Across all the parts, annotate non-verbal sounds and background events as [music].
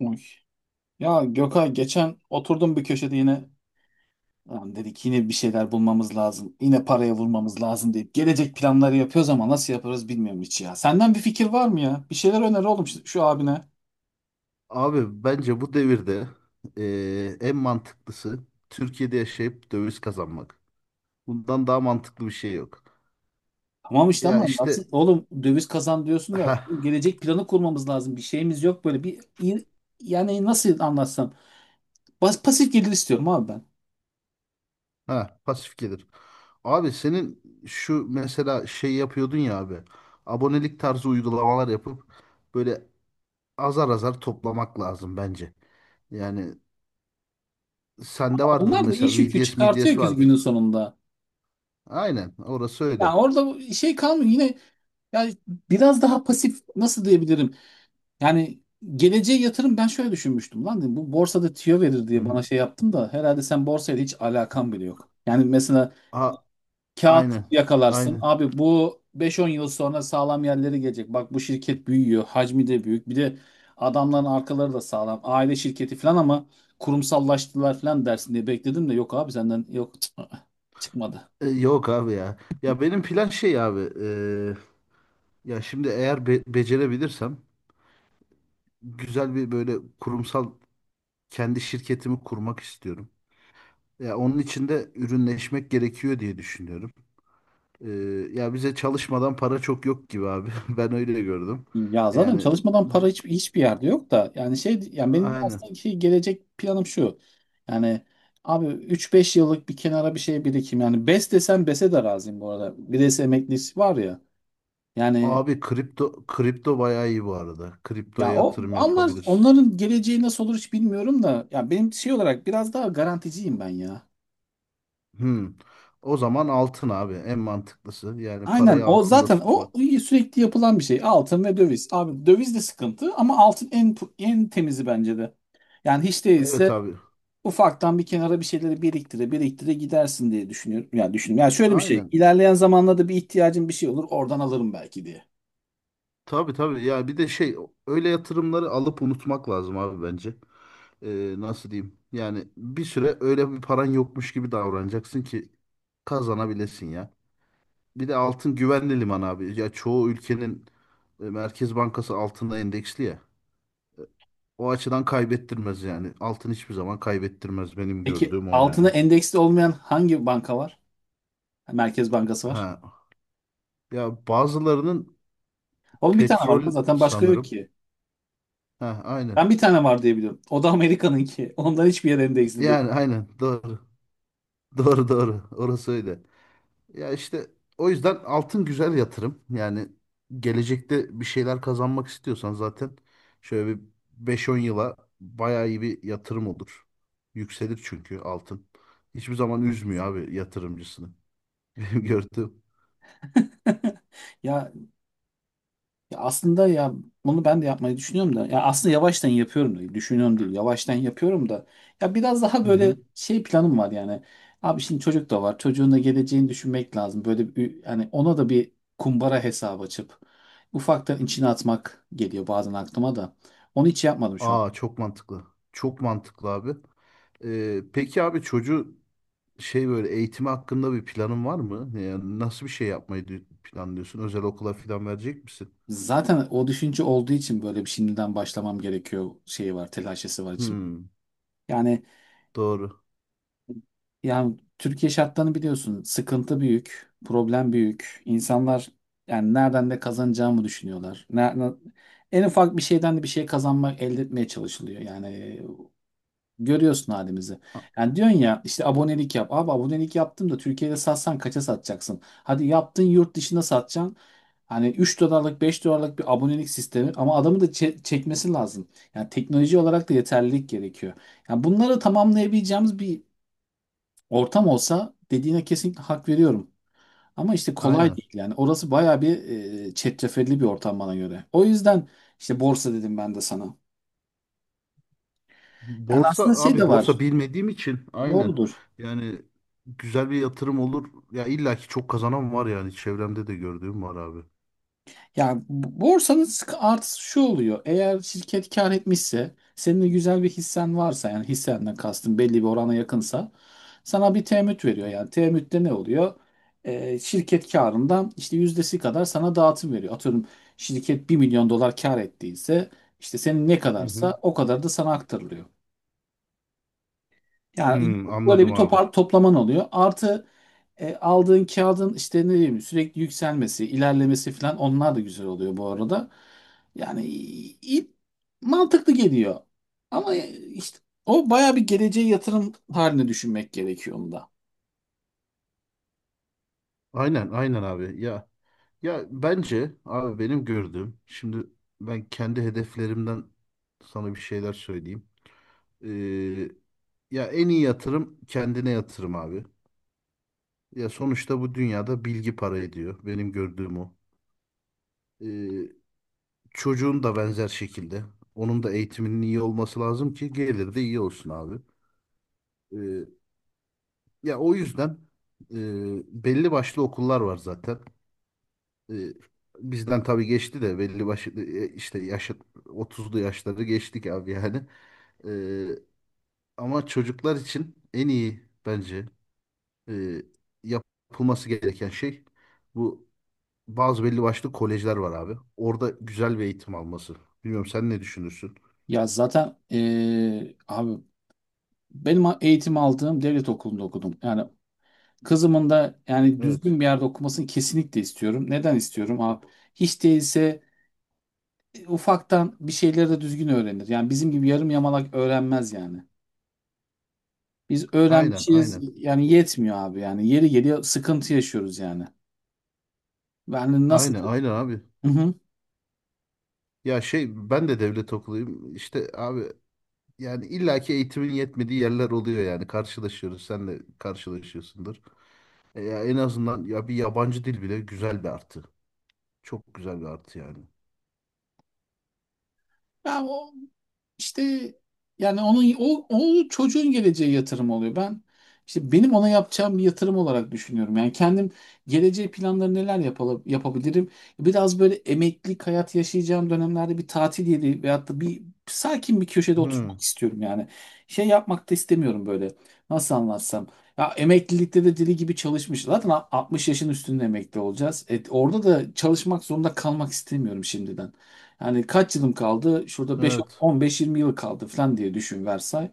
Uy. Ya Gökay geçen oturdum bir köşede yine, "Lan" dedik, yine bir şeyler bulmamız lazım. Yine paraya vurmamız lazım deyip gelecek planları yapıyoruz ama nasıl yaparız bilmiyorum hiç ya. Senden bir fikir var mı ya? Bir şeyler öner oğlum şu abine. Abi bence bu devirde en mantıklısı Türkiye'de yaşayıp döviz kazanmak. Bundan daha mantıklı bir şey yok. Tamam işte Ya ama nasıl işte. oğlum döviz kazan diyorsun da ha gelecek planı kurmamız lazım. Bir şeyimiz yok böyle bir, yani nasıl anlatsam. Pasif gelir istiyorum abi ben. ha pasif gelir. Abi senin şu mesela şey yapıyordun ya abi. Abonelik tarzı uygulamalar yapıp böyle azar azar toplamak lazım bence. Yani sende vardır Onlar da mesela iş yükü VDS, çıkartıyor MDS ki günün vardır. sonunda. Aynen, orası Ya öyle. orada şey kalmıyor yine, yani biraz daha pasif nasıl diyebilirim? Yani geleceğe yatırım ben şöyle düşünmüştüm, lan dedim, bu borsada tüyo verir Hı diye hı. bana şey yaptım da herhalde, sen borsayla hiç alakan bile yok. Yani mesela A, kağıt aynen. yakalarsın Aynen. abi, bu 5-10 yıl sonra sağlam yerlere gelecek. Bak bu şirket büyüyor, hacmi de büyük. Bir de adamların arkaları da sağlam. Aile şirketi falan ama kurumsallaştılar falan dersin diye bekledim de yok abi, senden yok [laughs] [tsk] çıkmadı. Yok abi ya. Ya benim plan şey abi. Ya şimdi eğer becerebilirsem güzel bir böyle kurumsal kendi şirketimi kurmak istiyorum. Ya onun için de ürünleşmek gerekiyor diye düşünüyorum. E, Ya bize çalışmadan para çok yok gibi abi. [laughs] Ben öyle gördüm. Ya zaten Yani çalışmadan para hiçbir yerde yok da, yani şey, yani benim aynen. aslında ki gelecek planım şu. Yani abi üç beş yıllık bir kenara bir şey birikim. Yani BES desem BES'e de razıyım bu arada. BES emeklisi var ya. Yani Abi kripto kripto bayağı iyi bu arada. Kriptoya ya o, yatırım onlar, yapabilirsin. onların geleceği nasıl olur hiç bilmiyorum da, ya benim şey olarak biraz daha garanticiyim ben ya. Hmm. O zaman altın abi en mantıklısı. Yani Aynen, parayı o altında zaten o tutmak. sürekli yapılan bir şey. Altın ve döviz. Abi döviz de sıkıntı ama altın en temizi bence de. Yani hiç Evet değilse abi. ufaktan bir kenara bir şeyleri biriktire biriktire gidersin diye düşünüyorum. Yani düşünüyorum. Yani şöyle bir şey. Aynen. İlerleyen zamanlarda bir ihtiyacım bir şey olur. Oradan alırım belki diye. Tabii tabii ya, bir de şey, öyle yatırımları alıp unutmak lazım abi bence. Nasıl diyeyim? Yani bir süre öyle bir paran yokmuş gibi davranacaksın ki kazanabilesin ya. Bir de altın güvenli liman abi. Ya çoğu ülkenin Merkez Bankası altına endeksli ya. O açıdan kaybettirmez yani. Altın hiçbir zaman kaybettirmez, benim Peki gördüğüm o altına yani. endeksli olmayan hangi banka var? Merkez Bankası var. Ha, ya bazılarının Oğlum bir tane petrol var da zaten başka yok sanırım. ki. Ha aynen. Ben bir tane var diye biliyorum. O da Amerika'nınki. Ondan hiçbir yer endeksli değil. Yani aynen doğru. [laughs] Doğru doğru. Orası öyle. Ya işte o yüzden altın güzel yatırım. Yani gelecekte bir şeyler kazanmak istiyorsan zaten şöyle bir beş on yıla bayağı iyi bir yatırım olur. Yükselir çünkü altın. Hiçbir zaman üzmüyor abi yatırımcısını. [laughs] Benim gördüğüm. [laughs] Ya Ya aslında ya, bunu ben de yapmayı düşünüyorum da, ya aslında yavaştan yapıyorum da, düşünüyorum değil yavaştan yapıyorum da, ya biraz daha Hı böyle hı. şey planım var yani. Abi şimdi çocuk da var, çocuğun da geleceğini düşünmek lazım, böyle bir, yani ona da bir kumbara hesabı açıp ufaktan içine atmak geliyor bazen aklıma da, onu hiç yapmadım şu an. Aa çok mantıklı. Çok mantıklı abi. Peki abi çocuğu şey böyle eğitimi hakkında bir planın var mı? Yani nasıl bir şey yapmayı planlıyorsun? Özel okula falan verecek misin? Zaten o düşünce olduğu için böyle bir şimdiden başlamam gerekiyor şeyi var, telaşesi var için. Hmm, Yani. doğru. Yani Türkiye şartlarını biliyorsun. Sıkıntı büyük, problem büyük. İnsanlar yani nereden de kazanacağımı düşünüyorlar. En ufak bir şeyden de bir şey kazanmak, elde etmeye çalışılıyor. Yani görüyorsun halimizi. A- Yani diyorsun ya işte, abonelik yap. Abi abonelik yaptım da Türkiye'de satsan kaça satacaksın? Hadi yaptın, yurt dışında satacaksın. Hani 3 dolarlık 5 dolarlık bir abonelik sistemi ama adamı da çekmesi lazım. Yani teknoloji olarak da yeterlilik gerekiyor. Yani bunları tamamlayabileceğimiz bir ortam olsa, dediğine kesinlikle hak veriyorum. Ama işte kolay aynen. değil yani. Orası bayağı bir çetrefilli bir ortam bana göre. O yüzden işte borsa dedim ben de sana. Yani Borsa aslında şey abi, de borsa var. bilmediğim için aynen. Doğrudur. Yani güzel bir yatırım olur. Ya illaki çok kazanan var, yani çevremde de gördüğüm var abi. Yani borsanın artısı şu oluyor. Eğer şirket kar etmişse, senin de güzel bir hissen varsa, yani hissenden kastım belli bir orana yakınsa, sana bir temettü veriyor yani. Temettüde ne oluyor? Şirket karından işte yüzdesi kadar sana dağıtım veriyor. Atıyorum, şirket 1 milyon dolar kar ettiyse, işte senin ne Hı hı. kadarsa o kadar da sana aktarılıyor. Yani Hmm, böyle anladım bir abi. Toplaman oluyor. Artı aldığın kağıdın işte, ne diyeyim, sürekli yükselmesi, ilerlemesi falan, onlar da güzel oluyor bu arada. Yani mantıklı geliyor. Ama işte o bayağı bir geleceğe yatırım haline düşünmek gerekiyor onda. Aynen aynen abi. Ya bence abi benim gördüğüm şimdi ben kendi hedeflerimden sana bir şeyler söyleyeyim. Ee, Ya en iyi yatırım kendine yatırım abi. Ya sonuçta bu dünyada bilgi para ediyor. Benim gördüğüm o. Ee, Çocuğun da benzer şekilde. Onun da eğitiminin iyi olması lazım ki gelir de iyi olsun abi. Ee, Ya o yüzden belli başlı okullar var zaten. Ee, Bizden tabii geçti de, belli başlı işte yaşı 30'lu yaşları geçtik abi yani. Ee, Ama çocuklar için en iyi bence e, yapılması gereken şey bu, bazı belli başlı kolejler var abi. Orada güzel bir eğitim alması. Bilmiyorum, sen ne düşünürsün? Ya zaten abi, benim eğitim aldığım devlet okulunda okudum. Yani kızımın da yani düzgün Evet. bir yerde okumasını kesinlikle istiyorum. Neden istiyorum abi? Hiç değilse ufaktan bir şeyleri de düzgün öğrenir. Yani bizim gibi yarım yamalak öğrenmez yani. Biz Aynen, öğrenmişiz aynen. yani yetmiyor abi yani. Yeri geliyor sıkıntı yaşıyoruz yani. Yani nasıl... Aynen aynen abi. Hı hı. Ya şey, ben de devlet okuluyum. İşte abi yani illaki eğitimin yetmediği yerler oluyor yani. Karşılaşıyoruz. Sen de karşılaşıyorsundur. E ya en azından ya bir yabancı dil bile güzel bir artı. Çok güzel bir artı yani. Ya o, İşte yani onun, o çocuğun geleceğe yatırım oluyor. Ben, işte benim ona yapacağım bir yatırım olarak düşünüyorum. Yani kendim geleceğe planları neler yapabilirim? Biraz böyle emeklilik hayat yaşayacağım dönemlerde bir tatil yeri veyahut da bir sakin bir köşede Hı, oturmak istiyorum yani. Şey yapmak da istemiyorum böyle. Nasıl anlatsam? Ya emeklilikte de deli gibi çalışmış. Zaten 60 yaşın üstünde emekli olacağız. Orada da çalışmak zorunda kalmak istemiyorum şimdiden. Yani kaç yılım kaldı? Şurada 5, evet. 15-20 yıl kaldı falan diye düşün Versay.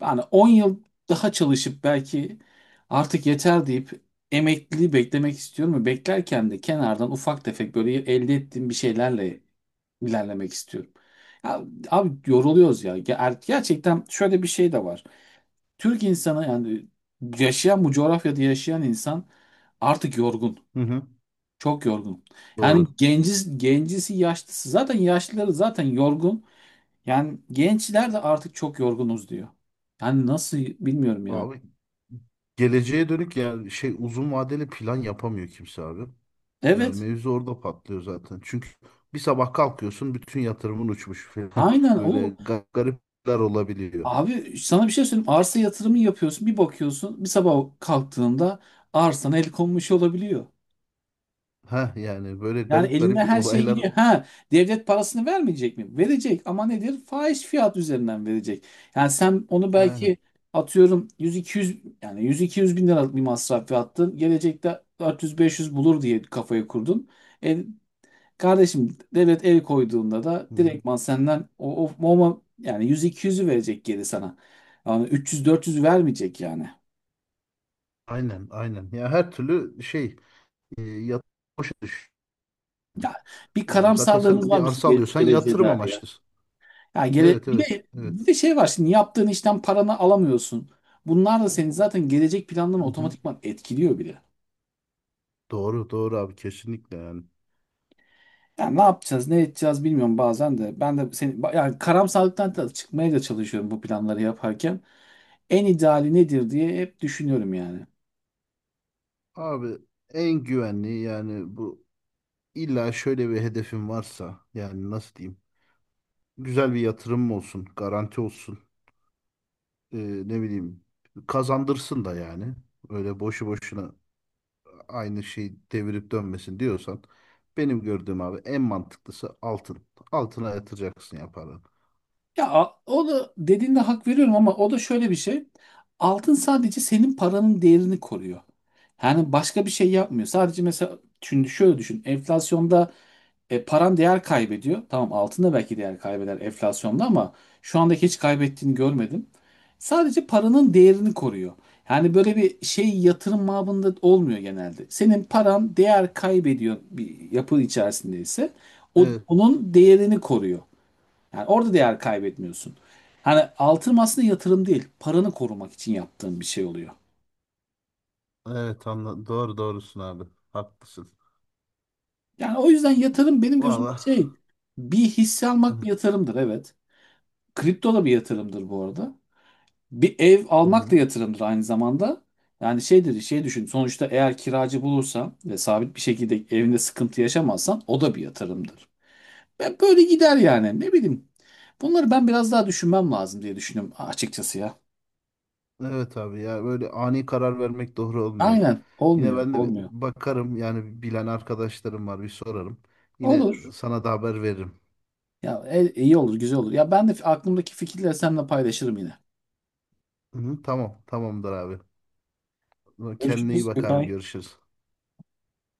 Yani 10 yıl daha çalışıp belki artık yeter deyip emekliliği beklemek istiyorum ve beklerken de kenardan ufak tefek böyle elde ettiğim bir şeylerle ilerlemek istiyorum. Ya, abi yoruluyoruz ya. Gerçekten şöyle bir şey de var. Türk insanı yani, yaşayan bu coğrafyada yaşayan insan artık yorgun. Hı hı. Çok yorgun. Yani Doğru. genciz, gencisi yaşlısı, zaten yaşlıları zaten yorgun. Yani gençler de artık çok yorgunuz diyor. Yani nasıl bilmiyorum yani. Abi geleceğe dönük yani şey uzun vadeli plan yapamıyor kimse abi. Ya Evet. mevzu orada patlıyor zaten. Çünkü bir sabah kalkıyorsun bütün yatırımın uçmuş falan. [laughs] Aynen Böyle o. Garipler olabiliyor. Abi sana bir şey söyleyeyim. Arsa yatırımı yapıyorsun. Bir bakıyorsun. Bir sabah kalktığında arsana el konmuş olabiliyor. Ha yani böyle Yani garip eline garip [laughs] her şey olaylar gidiyor. Ha, devlet parasını vermeyecek mi? Verecek ama nedir? Fahiş fiyat üzerinden verecek. Yani sen onu aynen. belki, atıyorum, 100-200, yani 100-200 bin liralık bir masraf yaptın. Gelecekte 400-500 bulur diye kafayı kurdun. E, Kardeşim devlet el koyduğunda da Hı hı. direktman senden o yani 100-200'ü verecek geri sana. Yani 300-400'ü vermeyecek yani. Aynen aynen. Ya her türlü şey e, yat boşa düş. Ya bir Zaten karamsarlığımız sen var bir bizim arsa alıyorsan geleceğe yatırım dair ya. amaçlı. Ya Evet bir evet de evet. bir de şey var, şimdi yaptığın işten paranı alamıyorsun. Bunlar da senin zaten gelecek planlarını Hı hı. otomatikman etkiliyor bile. Doğru doğru abi kesinlikle yani. Yani ne yapacağız, ne edeceğiz bilmiyorum bazen de. Ben de seni yani karamsarlıktan da çıkmaya da çalışıyorum bu planları yaparken. En ideali nedir diye hep düşünüyorum yani. Abi en güvenli yani bu, illa şöyle bir hedefin varsa yani nasıl diyeyim? Güzel bir yatırım olsun, garanti olsun. E, Ne bileyim, kazandırsın da yani. Öyle boşu boşuna aynı şey devirip dönmesin diyorsan, benim gördüğüm abi en mantıklısı altın. Altına yatıracaksın ya paranı. Ya o da dediğinde hak veriyorum ama o da şöyle bir şey. Altın sadece senin paranın değerini koruyor. Yani başka bir şey yapmıyor. Sadece mesela şimdi şöyle düşün. Enflasyonda paran değer kaybediyor. Tamam altın da belki değer kaybeder enflasyonda ama şu andaki hiç kaybettiğini görmedim. Sadece paranın değerini koruyor. Yani böyle bir şey yatırım mabında olmuyor genelde. Senin paran değer kaybediyor bir yapı içerisinde ise Evet. onun değerini koruyor. Yani orada değer kaybetmiyorsun. Hani altın aslında yatırım değil, paranı korumak için yaptığın bir şey oluyor. Evet anla doğru doğrusun abi. Haklısın. Yani o yüzden yatırım benim gözümde Valla. şey, bir hisse almak bir Hı yatırımdır evet. Kripto da bir yatırımdır bu arada. Bir ev almak hı. da yatırımdır aynı zamanda. Yani şeydir, şey düşün. Sonuçta eğer kiracı bulursan ve sabit bir şekilde evinde sıkıntı yaşamazsan o da bir yatırımdır. Ben böyle gider yani. Ne bileyim. Bunları ben biraz daha düşünmem lazım diye düşünüyorum açıkçası ya. Evet abi ya böyle ani karar vermek doğru olmuyor. Aynen. Yine Olmuyor. ben de bir Olmuyor. bakarım, yani bilen arkadaşlarım var, bir sorarım. Yine Olur. sana da haber veririm. Ya iyi olur, güzel olur. Ya ben de aklımdaki fikirleri seninle paylaşırım yine. Hı hı, tamam tamamdır abi. Kendine iyi Görüşürüz bak abi, Gökay. görüşürüz.